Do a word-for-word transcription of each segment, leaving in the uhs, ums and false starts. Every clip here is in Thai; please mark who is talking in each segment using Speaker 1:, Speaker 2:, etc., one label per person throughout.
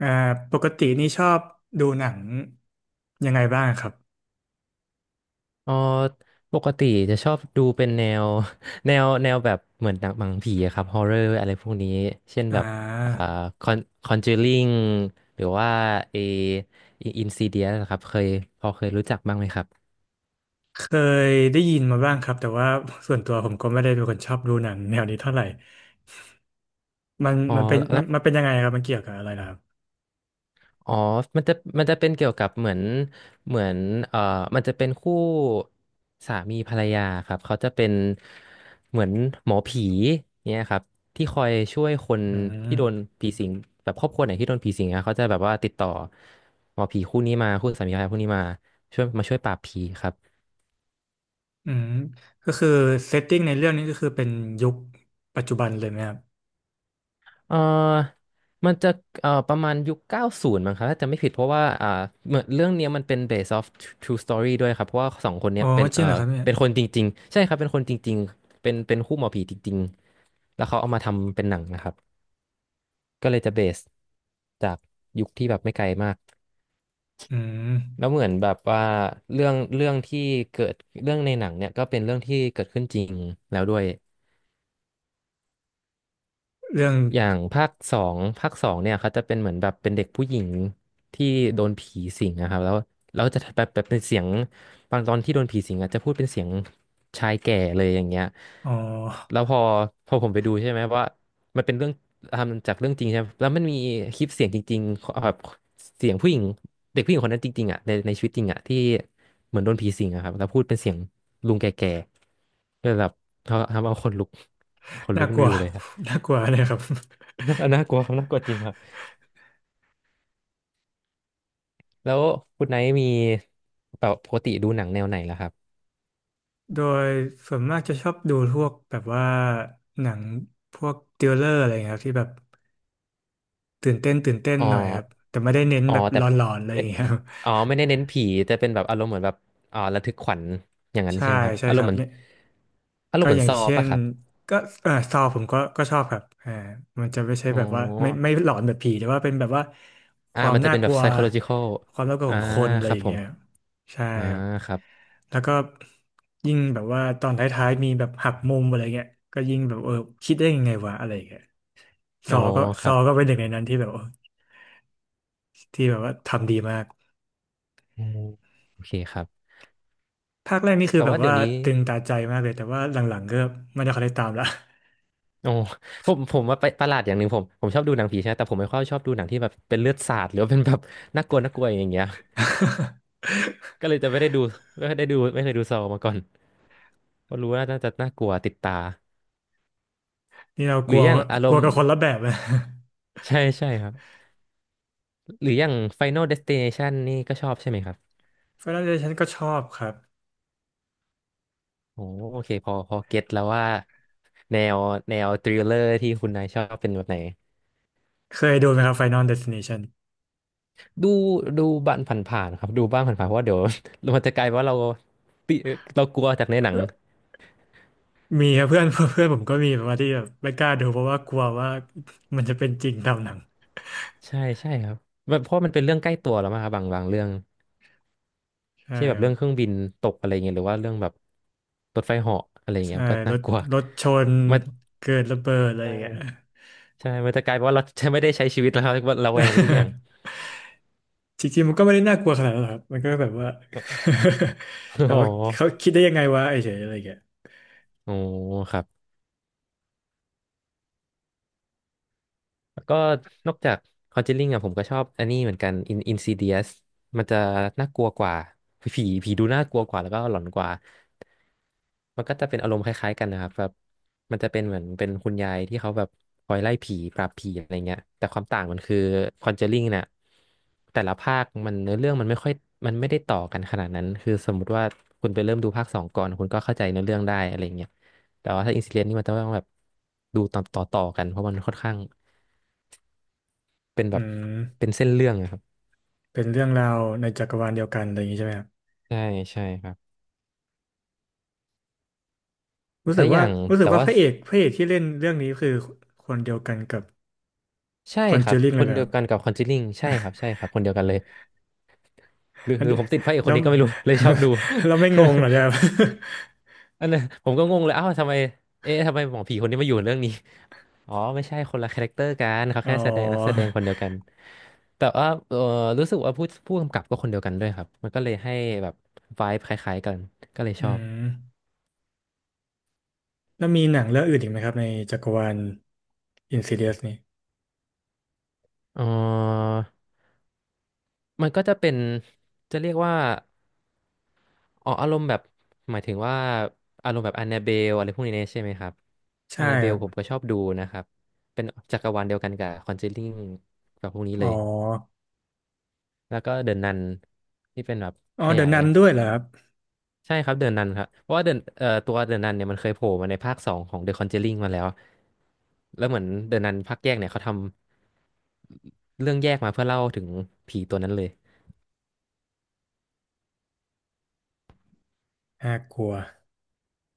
Speaker 1: อ่าปกตินี่ชอบดูหนังยังไงบ้างครับ
Speaker 2: เอ๋อปกติจะชอบดูเป็นแนว แนวแนวแบบเหมือนหนังหนังผีอะครับฮอ r ์เรอร์อะไรพวกนี้เช่น
Speaker 1: อ่
Speaker 2: แบบอ่า
Speaker 1: า
Speaker 2: คอนคอนเจอริงหรือว่าเออินซีเดียนะครับเคยพอเคยรู้จักบ้างไหมครับ
Speaker 1: เคยได้ยินมาบ้างครับแต่ว่าส่วนตัวผมก็ไม่ได้เป็นคนชอบดูหนังแนวนี้เท่าไหร่มัน
Speaker 2: อ๋อ
Speaker 1: มันเป็น
Speaker 2: แล้
Speaker 1: มั
Speaker 2: ว
Speaker 1: นมันเป็นยังไงครับมันเกี่ยวกับอะไรนะครับ
Speaker 2: อ๋อมันจะมันจะเป็นเกี่ยวกับเหมือนเหมือนเอ่อมันจะเป็นคู่สามีภรรยาครับ เขาจะเป็นเหมือนหมอผีเนี่ยครับที่คอยช่วยคน
Speaker 1: อื
Speaker 2: ที่โดน
Speaker 1: ม
Speaker 2: ผีสิงแบบครอบครัวไหนที่โดนผีสิงอะเขาจะแบบว่าติดต่อหมอผีคู่นี้มาคู่สามีภรรยาคู่นี้มาช่วยมาช่วยปราบผีครับ
Speaker 1: อืมก็คือเซตติ้งในเรื่องนี้ก็คือเป็นยุคปัจจุบันเลยไหมครับ
Speaker 2: เออมันจะเอ่อประมาณยุคเก้าสิบมั้งครับถ้าจะไม่ผิดเพราะว่าอ่าเหมือนเรื่องเนี้ยมันเป็น based off true story ด้วยครับเพราะว่าสองคนเนี้
Speaker 1: อ๋อ
Speaker 2: ยเป็น
Speaker 1: จริ
Speaker 2: เอ่
Speaker 1: ง
Speaker 2: อ
Speaker 1: เหรอครับเนี่ย
Speaker 2: เป็นคนจริงๆใช่ครับเป็นคนจริงๆเป็นเป็นคู่หมอผีจริงๆแล้วเขาเอามาทำเป็นหนังนะครับก็เลยจะ base จากยุคที่แบบไม่ไกลมาก
Speaker 1: อืม
Speaker 2: แล้วเหมือนแบบว่าเรื่องเรื่องที่เกิดเรื่องในหนังเนี่ยก็เป็นเรื่องที่เกิดขึ้นจริงแล้วด้วย
Speaker 1: เรื่อง
Speaker 2: อย่างภาคสองภาคสองเนี่ยเขาจะเป็นเหมือนแบบเป็นเด็กผู้หญิงที่โดนผีสิงนะครับแล้วแล้วจะแบบแบบเป็นเสียงบางตอนที่โดนผีสิงอ่ะจะพูดเป็นเสียงชายแก่เลยอย่างเงี้ย
Speaker 1: อ๋อ
Speaker 2: แล้วพอพอผมไปดูใช่ไหมว่ามันเป็นเรื่องทำจากเรื่องจริงใช่ไหมแล้วมันมีคลิปเสียงจริงๆแบบเสียงผู้หญิงเด็กผู้หญิงคนนั้นจริงๆอ่ะในในชีวิตจริงอ่ะที่เหมือนโดนผีสิงอะครับแล้วพูดเป็นเสียงลุงแก่ๆก็เลยแบบเขาทำเอาขนลุกขน ลุ
Speaker 1: น่า
Speaker 2: ก
Speaker 1: ก
Speaker 2: น
Speaker 1: ลัว
Speaker 2: ยวเลยครับ
Speaker 1: น่ากลัวเลยครับ
Speaker 2: น่าน่ากลัวครับน่ากลัวจริงครับแล้วคุณไนท์มีแบบปกติดูหนังแนวไหนล่ะครับ
Speaker 1: โดยส่วนมากจะชอบดูพวกแบบว่าหนังพวกทริลเลอร์อะไรอย่างเงี้ยครับที่แบบตื่นเต้นตื่นเต้น
Speaker 2: อ๋อ
Speaker 1: หน่อยครับแต่ไม่ได้เน้น
Speaker 2: อ๋อ
Speaker 1: แบบห
Speaker 2: แต่
Speaker 1: ลอนๆอะไรอ
Speaker 2: ไม่
Speaker 1: ย่างเงี้ยครับ
Speaker 2: อ๋อไม่ได้เน้นผีแต่เป็นแบบอารมณ์เหมือนแบบอ๋อระทึกขวัญอย่าง นั้น
Speaker 1: ใช่
Speaker 2: ใช่ไหมครับ
Speaker 1: ใช่
Speaker 2: อาร
Speaker 1: ค
Speaker 2: ม
Speaker 1: รั
Speaker 2: ณ์
Speaker 1: บ
Speaker 2: เหมือน
Speaker 1: เนี่ย
Speaker 2: อารม
Speaker 1: ก็
Speaker 2: ณ์เหมื
Speaker 1: อ
Speaker 2: อน
Speaker 1: ย่า
Speaker 2: ซ
Speaker 1: ง
Speaker 2: อ
Speaker 1: เช่
Speaker 2: ป่ะ
Speaker 1: น
Speaker 2: ครับ
Speaker 1: ก็เออซอผมก็ก็ชอบครับอ่ามันจะไม่ใช่
Speaker 2: อ๋อ
Speaker 1: แบบว่าไม่ไม่หลอนแบบผีแต่ว่าเป็นแบบว่าค
Speaker 2: อ่า
Speaker 1: วาม
Speaker 2: มันจะ
Speaker 1: น่า
Speaker 2: เป็น
Speaker 1: ก
Speaker 2: แบบ
Speaker 1: ลัว
Speaker 2: psychological
Speaker 1: ความน่ากลัว
Speaker 2: อ่า
Speaker 1: ของคนอะไร
Speaker 2: ครั
Speaker 1: อ
Speaker 2: บ
Speaker 1: ย่าง
Speaker 2: ผ
Speaker 1: เงี้
Speaker 2: ม
Speaker 1: ยใช่
Speaker 2: อ่า
Speaker 1: ครับ
Speaker 2: ครับ
Speaker 1: แล้วก็ยิ่งแบบว่าตอนท้ายๆมีแบบหักมุมอะไรเงี้ยก็ยิ่งแบบเออคิดได้ยังไงวะอะไรอย่างเงี้ย ซ
Speaker 2: อ๋อ
Speaker 1: อก็
Speaker 2: ค
Speaker 1: ซ
Speaker 2: รั
Speaker 1: อ
Speaker 2: บ
Speaker 1: ก็เป็นหนึ่งในนั้นที่แบบว่าที่แบบว่าทำดีมาก
Speaker 2: อ๋อโอเคครับ
Speaker 1: ภาคแรกนี่คือ
Speaker 2: แต่
Speaker 1: แบ
Speaker 2: ว่า
Speaker 1: บ
Speaker 2: เดี๋ย
Speaker 1: ว่า
Speaker 2: วนี้
Speaker 1: ตึงตาใจมากเลยแต่ว่าหลังๆก็ไม่ได้ค่อยได้ตามละ
Speaker 2: โอ้ผมผมว่าไปประหลาดอย่างหนึ่งผมผมชอบดูหนังผีใช่ไหมแต่ผมไม่ค่อยชอบดูหนังที่แบบเป็นเลือดสาดหรือว่าเป็นแบบน่ากลัวน่ากลัวอย่างเงี้ย ก็เลยจะไม่ได้ดูไม่ได้ดูไม่เคยดูซอมาก่อนเพราะรู้ว่าน่าจะน่ากลัวติดตา
Speaker 1: นี่เรา
Speaker 2: ห
Speaker 1: ก
Speaker 2: รื
Speaker 1: ลั
Speaker 2: อ
Speaker 1: ว
Speaker 2: อย่างอาร
Speaker 1: กลัว
Speaker 2: มณ์
Speaker 1: กับคนละแบบนะ
Speaker 2: ใช่ใช่ครับหรืออย่าง Final Destination นี่ก็ชอบใช่ไหมครับ
Speaker 1: Final Destination ก็ชอบครับ
Speaker 2: โอ้โอเคพอพอเก็ตแล้วว่าแนวแนวทริลเลอร์ที่คุณนายชอบเป็นแบบไหน
Speaker 1: เคยดูไหมครับ Final Destination
Speaker 2: ดูดูบ้านผ่านๆครับดูบ้างผ่านๆเพราะว่าเดี๋ยว มันจะกลายว่าเราติเรากลัวจากในหนัง
Speaker 1: มีครับเพื่อน เพื่อนผมก็มีแบบว่าที่แบบไม่กล้าดูเพราะว่ากลัวว่ามันจะเป็นจริงตามหนัง
Speaker 2: ใช่ใช่ครับแบบเพราะมันเป็นเรื่องใกล้ตัวแล้วมั้งครับบางบางเรื่อง
Speaker 1: ใช่
Speaker 2: เช่นแบ
Speaker 1: ค
Speaker 2: บ
Speaker 1: รั
Speaker 2: เรื่อ
Speaker 1: บ
Speaker 2: งเครื่องบินตกอะไรเงี้ยหรือว่าเรื่องแบบรถไฟเหาะอะไรเงี้ย
Speaker 1: ใช่
Speaker 2: มันก็
Speaker 1: ร
Speaker 2: น่า
Speaker 1: ถ
Speaker 2: กลัว
Speaker 1: รถชน
Speaker 2: มัน
Speaker 1: เกิดระเบิดอะไร
Speaker 2: ใช
Speaker 1: อย่างเงี้ย
Speaker 2: ่ใช่มันจะกลายเป็นว่าเราจะไม่ได้ใช้ชีวิตแล้ว ครับว่าระแวงไปทุกอย่าง
Speaker 1: จริงๆมันก็ไม่ได้น่ากลัวขนาดนั้นหรอกครับมันก็แบบว่า แบ บ
Speaker 2: อ๋อ
Speaker 1: ว่าเขาคิดได้ยังไงวะไอ้เฉยอะไรอย่างเงี้ย
Speaker 2: โอ้ครับแล้วก็นอกจาก Conjuring อ่ะผมก็ชอบอันนี้เหมือนกัน In Insidious มันจะน่ากลัวกว่าผีผีดูน่ากลัวกว่าแล้วก็หลอนกว่า มันก็จะเป็นอารมณ์คล้ายๆกันนะครับแบบมันจะเป็นเหมือนเป็นคุณยายที่เขาแบบคอยไล่ผีปราบผีอะไรเงี้ยแต่ความต่างมันคือคอนเจอริงเนี่ยแต่ละภาคมันเนื้อเรื่องมันไม่ค่อยมันไม่ได้ต่อกันขนาดนั้นคือสมมุติว่าคุณไปเริ่มดูภาคสองก่อนคุณก็เข้าใจเนื้อเรื่องได้อะไรเงี้ยแต่ว่าถ้าอินซิเดนนี่มันจะต้องแบบดูตอนต่อต่อกันเพราะมันค่อนข้างเป็น
Speaker 1: อื
Speaker 2: แบบ
Speaker 1: ม
Speaker 2: เป็นเส้นเรื่องอะครับ
Speaker 1: เป็นเรื่องราวในจักรวาลเดียวกันอะไรอย่างงี้ใช่ไหมครับ
Speaker 2: ใช่ใช่ครับ
Speaker 1: รู้
Speaker 2: แล้
Speaker 1: สึ
Speaker 2: ว
Speaker 1: ก
Speaker 2: อ
Speaker 1: ว่า
Speaker 2: ย่าง
Speaker 1: รู้สึ
Speaker 2: แต่
Speaker 1: กว่า
Speaker 2: ว่า
Speaker 1: พระเอกพระเอกที่เล่นเรื่องนี้คือคนเดียวกันกับ
Speaker 2: ใช่
Speaker 1: คอน
Speaker 2: ค
Speaker 1: เจ
Speaker 2: รั
Speaker 1: อ
Speaker 2: บ
Speaker 1: ริง
Speaker 2: ค
Speaker 1: เลย
Speaker 2: น
Speaker 1: เหรอ
Speaker 2: เดี
Speaker 1: ค
Speaker 2: ย
Speaker 1: รั
Speaker 2: วกัน
Speaker 1: บ
Speaker 2: กับคอนจอลิงใช่ครับใช่ครับคนเดียวกันเลย หรือ
Speaker 1: อัน
Speaker 2: หรือ
Speaker 1: เดีย
Speaker 2: ผมติดพระเอกค
Speaker 1: แล้
Speaker 2: น
Speaker 1: ว
Speaker 2: นี้ก็ไม่รู้ เลยชอบดู
Speaker 1: เราไม่งงเหรอเนี่ยครับ
Speaker 2: อันนั้นผมก็งงเลยเอ้าวทำไมเอ๊ะทำไมหมอผีคนนี้มาอยู่เรื่องนี้อ๋อไม่ใช่คนละคาแรคเตอร์กันเขา
Speaker 1: อ๋อ
Speaker 2: แค่แสดงนักแสดงคนเดียวกันแต่ว่าเออรู้สึกว่าผู้ผู้กำกับก็คนเดียวกันด้วยครับมันก็เลยให้แบบไวบ์คล้ายๆกันก็เลย
Speaker 1: อื
Speaker 2: ชอบ
Speaker 1: มแล้วมีหนังเรื่องอื่นอีกไหมครับในจักรวาล Insidious นี่
Speaker 2: เออมันก็จะเป็นจะเรียกว่า อ๋ออารมณ์แบบหมายถึงว่าอารมณ์แบบ a น n นาเบลอะไรพวกนี้ใช่ไหมครับ a
Speaker 1: ใช่
Speaker 2: น n นาเบ
Speaker 1: ค
Speaker 2: ล
Speaker 1: รั
Speaker 2: ผม
Speaker 1: บ
Speaker 2: ก็ชอบดูนะครับเป็นจักรวาลเดียวกันกับคอนเจอริงกับพวกนี้
Speaker 1: อ๋
Speaker 2: เล
Speaker 1: อ
Speaker 2: ยแล้วก็เดอนนันที่เป็นแบบ
Speaker 1: อ๋อ
Speaker 2: ข
Speaker 1: เดอะ
Speaker 2: ยาย
Speaker 1: นันด้วยเหรอครับ
Speaker 2: ใช่ครับเดอนนันครับเพราะว่าเดนเอ่อตัวเดอนนันเนี่ยมันเคยโผล่มาในภาคสองของเดอะคอนเจอริงมาแล้วแล้วเหมือนเดอนนันภาคแยกเนี่ยเขาทำเรื่องแยกมาเพื่อเล่าถึงผีตัวนั้นเลย
Speaker 1: น่ากลัว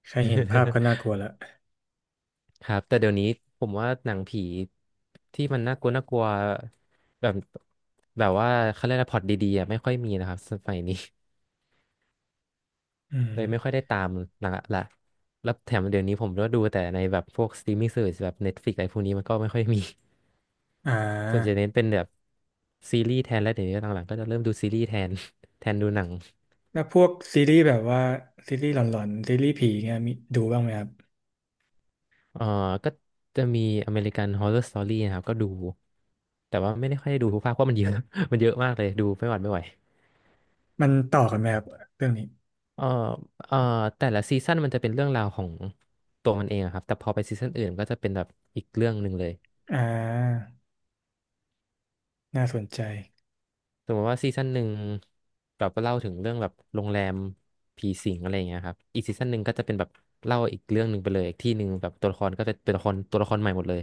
Speaker 1: แค่เห็นภาพก็ น่ากลัวละ
Speaker 2: ครับแต่เดี๋ยวนี้ผมว่าหนังผีที่มันน่ากลัวน่ากลัวแบบแบบว่าเขาเรียกอะไรพล็อตดีๆอะไม่ค่อยมีนะครับสมัยนี้
Speaker 1: อื
Speaker 2: เลยไม่ค่อ
Speaker 1: ม
Speaker 2: ยได้ตามหนังละแล้วแถมเดี๋ยวนี้ผมก็ดูแต่ในแบบพวกสตรีมมิ่งเซอร์แบบ Netflix อะไรพวกนี้มันก็ไม่ค่อยมี
Speaker 1: อ่
Speaker 2: ส่วนจะ
Speaker 1: า
Speaker 2: เน้นเป็นแบบซีรีส์แทนแล้วเดี๋ยวนี้หลังๆก็จะเริ่มดูซีรีส์แทน แทนดูหนัง
Speaker 1: แล้วพวกซีรีส์แบบว่าซีรีส์หลอนๆซีรีส์ผีเงี้ยมีดูบ้างไหมครับ
Speaker 2: เอ่อก็จะมีอเมริกัน ฮอร์เรอร์ สตอรี่ นะครับก็ดูแต่ว่าไม่ได้ค่อยได้ดูทุกภาคเพราะมันเยอะ มันเยอะมากเลยดูไม่หวัดไม่ไหว
Speaker 1: มันต่อกันไหมครับเรื่องนี้
Speaker 2: เอ่อเอ่อแต่ละซีซั่นมันจะเป็นเรื่องราวของตัวมันเองอะครับ แต่พอไปซีซั่นอื่นก็จะเป็นแบบอีกเรื่องหนึ่งเลย
Speaker 1: อ่าน่าสนใจ
Speaker 2: สมมติว่าซีซั่นหนึ่งแบบเล่าถึงเรื่องแบบโรงแรมผีสิงอะไรอย่างเงี้ยครับอีกซีซั่นหนึ่งก็จะเป็นแบบเล่าอีกเรื่องหนึ่งไปเลยอีกที่หนึ่งแบบตัวละครก็จะเป็นตัวละครตัวละครใหม่หมดเลย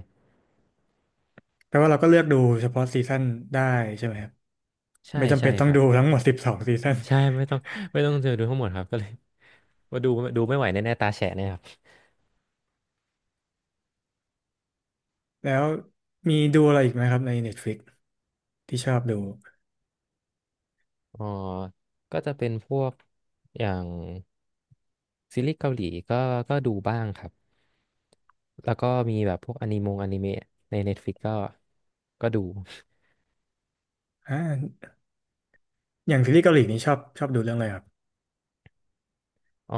Speaker 1: แปลว่าเราก็เลือกดูเฉพาะซีซั่นได้ใช่ไหมครับ
Speaker 2: ใช่
Speaker 1: ไม่จำเป็
Speaker 2: ใช่
Speaker 1: นต้อ
Speaker 2: ค
Speaker 1: ง
Speaker 2: รั
Speaker 1: ดู
Speaker 2: บ
Speaker 1: ทั้งหมดสิบสองซีซั่น
Speaker 2: ใช่ไม่ต้องไม่ต้องเจอดูทั้งหมดครับก็เลย ว่าดูดูไม่ไหวแน่ๆตาแฉะแน่ยครับ
Speaker 1: แล้วมีดูอะไรอีกไหมครับใน Netflix ที่ชอบดู
Speaker 2: อ๋อก็จะเป็นพวกอย่างซีรีส์เกาหลีก็ก็ดูบ้างครับ แล้วก็มีแบบพวกอนิมงอนิเมะใน Netflix ก็ก็ดู
Speaker 1: อ่าอย่างซีรีส์เกาหลีนี่ชอบชอบดูเรื่องอะไรครับ
Speaker 2: อ๋อ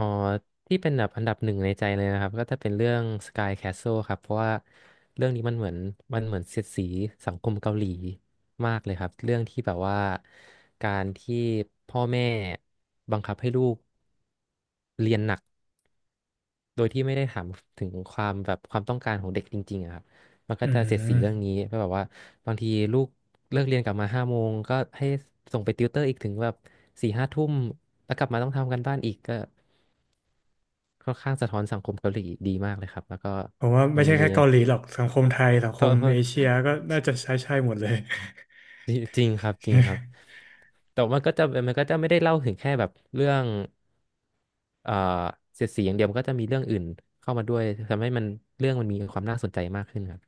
Speaker 2: ที่เป็นแบบอันดับหนึ่งในใจเลยนะครับก็จะเป็นเรื่อง สกาย แคสเซิล ครับเพราะว่าเรื่องนี้มันเหมือนมันเหมือนเสียดสีสังคมเกาหลีมากเลยครับเรื่องที่แบบว่าการที่พ่อแม่บังคับให้ลูกเรียนหนัก โดยที่ไม่ได้ถามถึงความแบบความต้องการของเด็กจริงๆอะครับมัน
Speaker 1: อื
Speaker 2: ก็จะเสียดสีเรื่อง
Speaker 1: ม
Speaker 2: นี้เพราะแบบว่าบางทีลูกเลิกเรียนกลับมาห้าโมงก็ให้ส่งไปติวเตอร์อีกถึงแบบสี่ห้าทุ่มแล้วกลับมาต้องทำกันบ้านอีกก็ค่อนข้างสะท้อนสังคมเกาหลีดีมากเลยครับแล้วก็
Speaker 1: ผมว่า
Speaker 2: มั
Speaker 1: ไม่
Speaker 2: น
Speaker 1: ใช่
Speaker 2: มี
Speaker 1: แค่เกาหลีหรอกสังคมไทยสัง ค
Speaker 2: โท
Speaker 1: ม
Speaker 2: ษ
Speaker 1: เอเชียก็น่าจะใช้ใช่หมดเลย
Speaker 2: จริงจริงครับจริงครับแต่มันก็จะมันก็จะไม่ได้เล่าถึงแค่แบบเรื่องเอ่อเสียดสีอย่างเดียวมันก็จะมีเรื่องอื่นเข้ามาด้วยทำให้มันเรื่องมันมีความน่าสนใจมากขึ้นครับ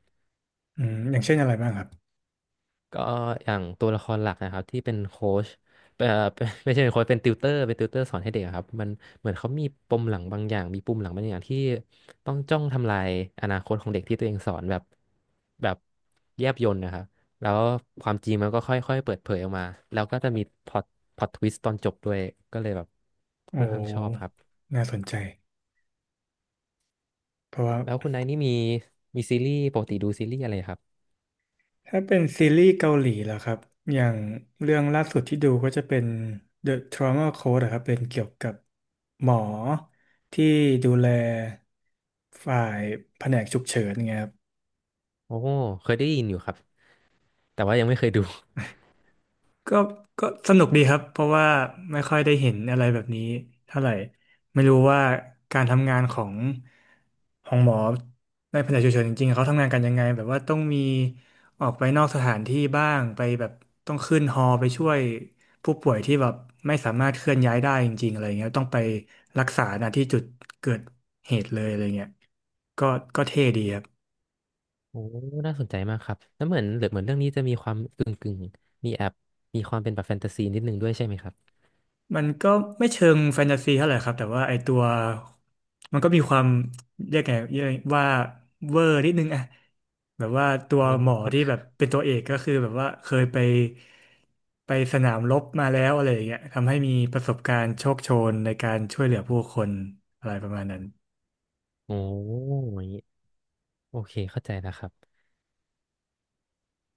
Speaker 1: อืมอย่างเช่นอะไรบ้างครับ
Speaker 2: ก็อย่างตัวละครหลักนะครับที่เป็นโค้ชเอ่อ เป็นไม่ใช่เป็นโค้ชเป็นติวเตอร์เป็นติวเตอร์สอนให้เด็กอะครับมันเหมือนเขามีปมหลังบางอย่างมีปุ่มหลังบางอย่างที่ต้องจ้องทำลายอนาคตของเด็กที่ตัวเองสอนแบบแบบแยบยลนะครับแล้วความจริงมันก็ค่อยๆเปิดเผยออกมาแล้วก็จะมีพล็อตพล็อตทวิสต์ตอนจบด้วยก็เลยแบบ
Speaker 1: โอ
Speaker 2: ค่อนข้างชอบค
Speaker 1: ้
Speaker 2: รับ
Speaker 1: น่าสนใจ เพราะว่า
Speaker 2: แล้วคุณนายนี่มีมีซีรีส์ปกติดูซีรีส์อะไรครับ
Speaker 1: ถ้าเป็นซีรีส์เกาหลีล่ะครับ อย่างเรื่องล่าสุดที่ดูก็จะเป็น The Trauma Code อะครับ เป็นเกี่ยวกับหมอที่ดูแลฝ่ายแผนกฉุกเฉินไงครับ
Speaker 2: โอ้เคยได้ยินอยู่ครับแต่ว่ายังไม่เคยดู
Speaker 1: ก็ก็สนุกดีครับเพราะว่าไม่ค่อยได้เห็นอะไรแบบนี้เท่าไหร่ไม่รู้ว่าการทำงานของของหมอในแผนกฉุกเฉินจริงๆเขาทำงานกันยังไงแบบว่าต้องมีออกไปนอกสถานที่บ้างไปแบบต้องขึ้นฮอไปช่วยผู้ป่วยที่แบบไม่สามารถเคลื่อนย้ายได้จริงๆอะไรเงี้ยต้องไปรักษาณที่จุดเกิดเหตุเลยอะไรเงี้ยก็ก็เท่ดีครับ
Speaker 2: โอ้น่าสนใจมากครับ แล้วเหมือนเหลือเหมือนเรื่องนี้จะมีความกึ่งกึ่งมีแอบมีความเป็นแบบแฟนตาซีนิดนึงด้วยใช่ไหมครับ
Speaker 1: มันก็ไม่เชิงแฟนตาซีเท่าไหร่ครับแต่ว่าไอตัวมันก็มีความเรียกไงเรียกว่าเวอร์นิดนึงอะแบบว่าตัว
Speaker 2: อืม
Speaker 1: หมอที่แบบเป็นตัวเอกก็คือแบบว่าเคยไปไปสนามรบมาแล้วอะไรอย่างเงี้ยทำให้มีประสบการณ์โชคโชนในการช่วยเหลือผู้คนอะไรประมาณนั้น
Speaker 2: โอ้โหอยางนี้โอเคเข้าใจแล้วครับ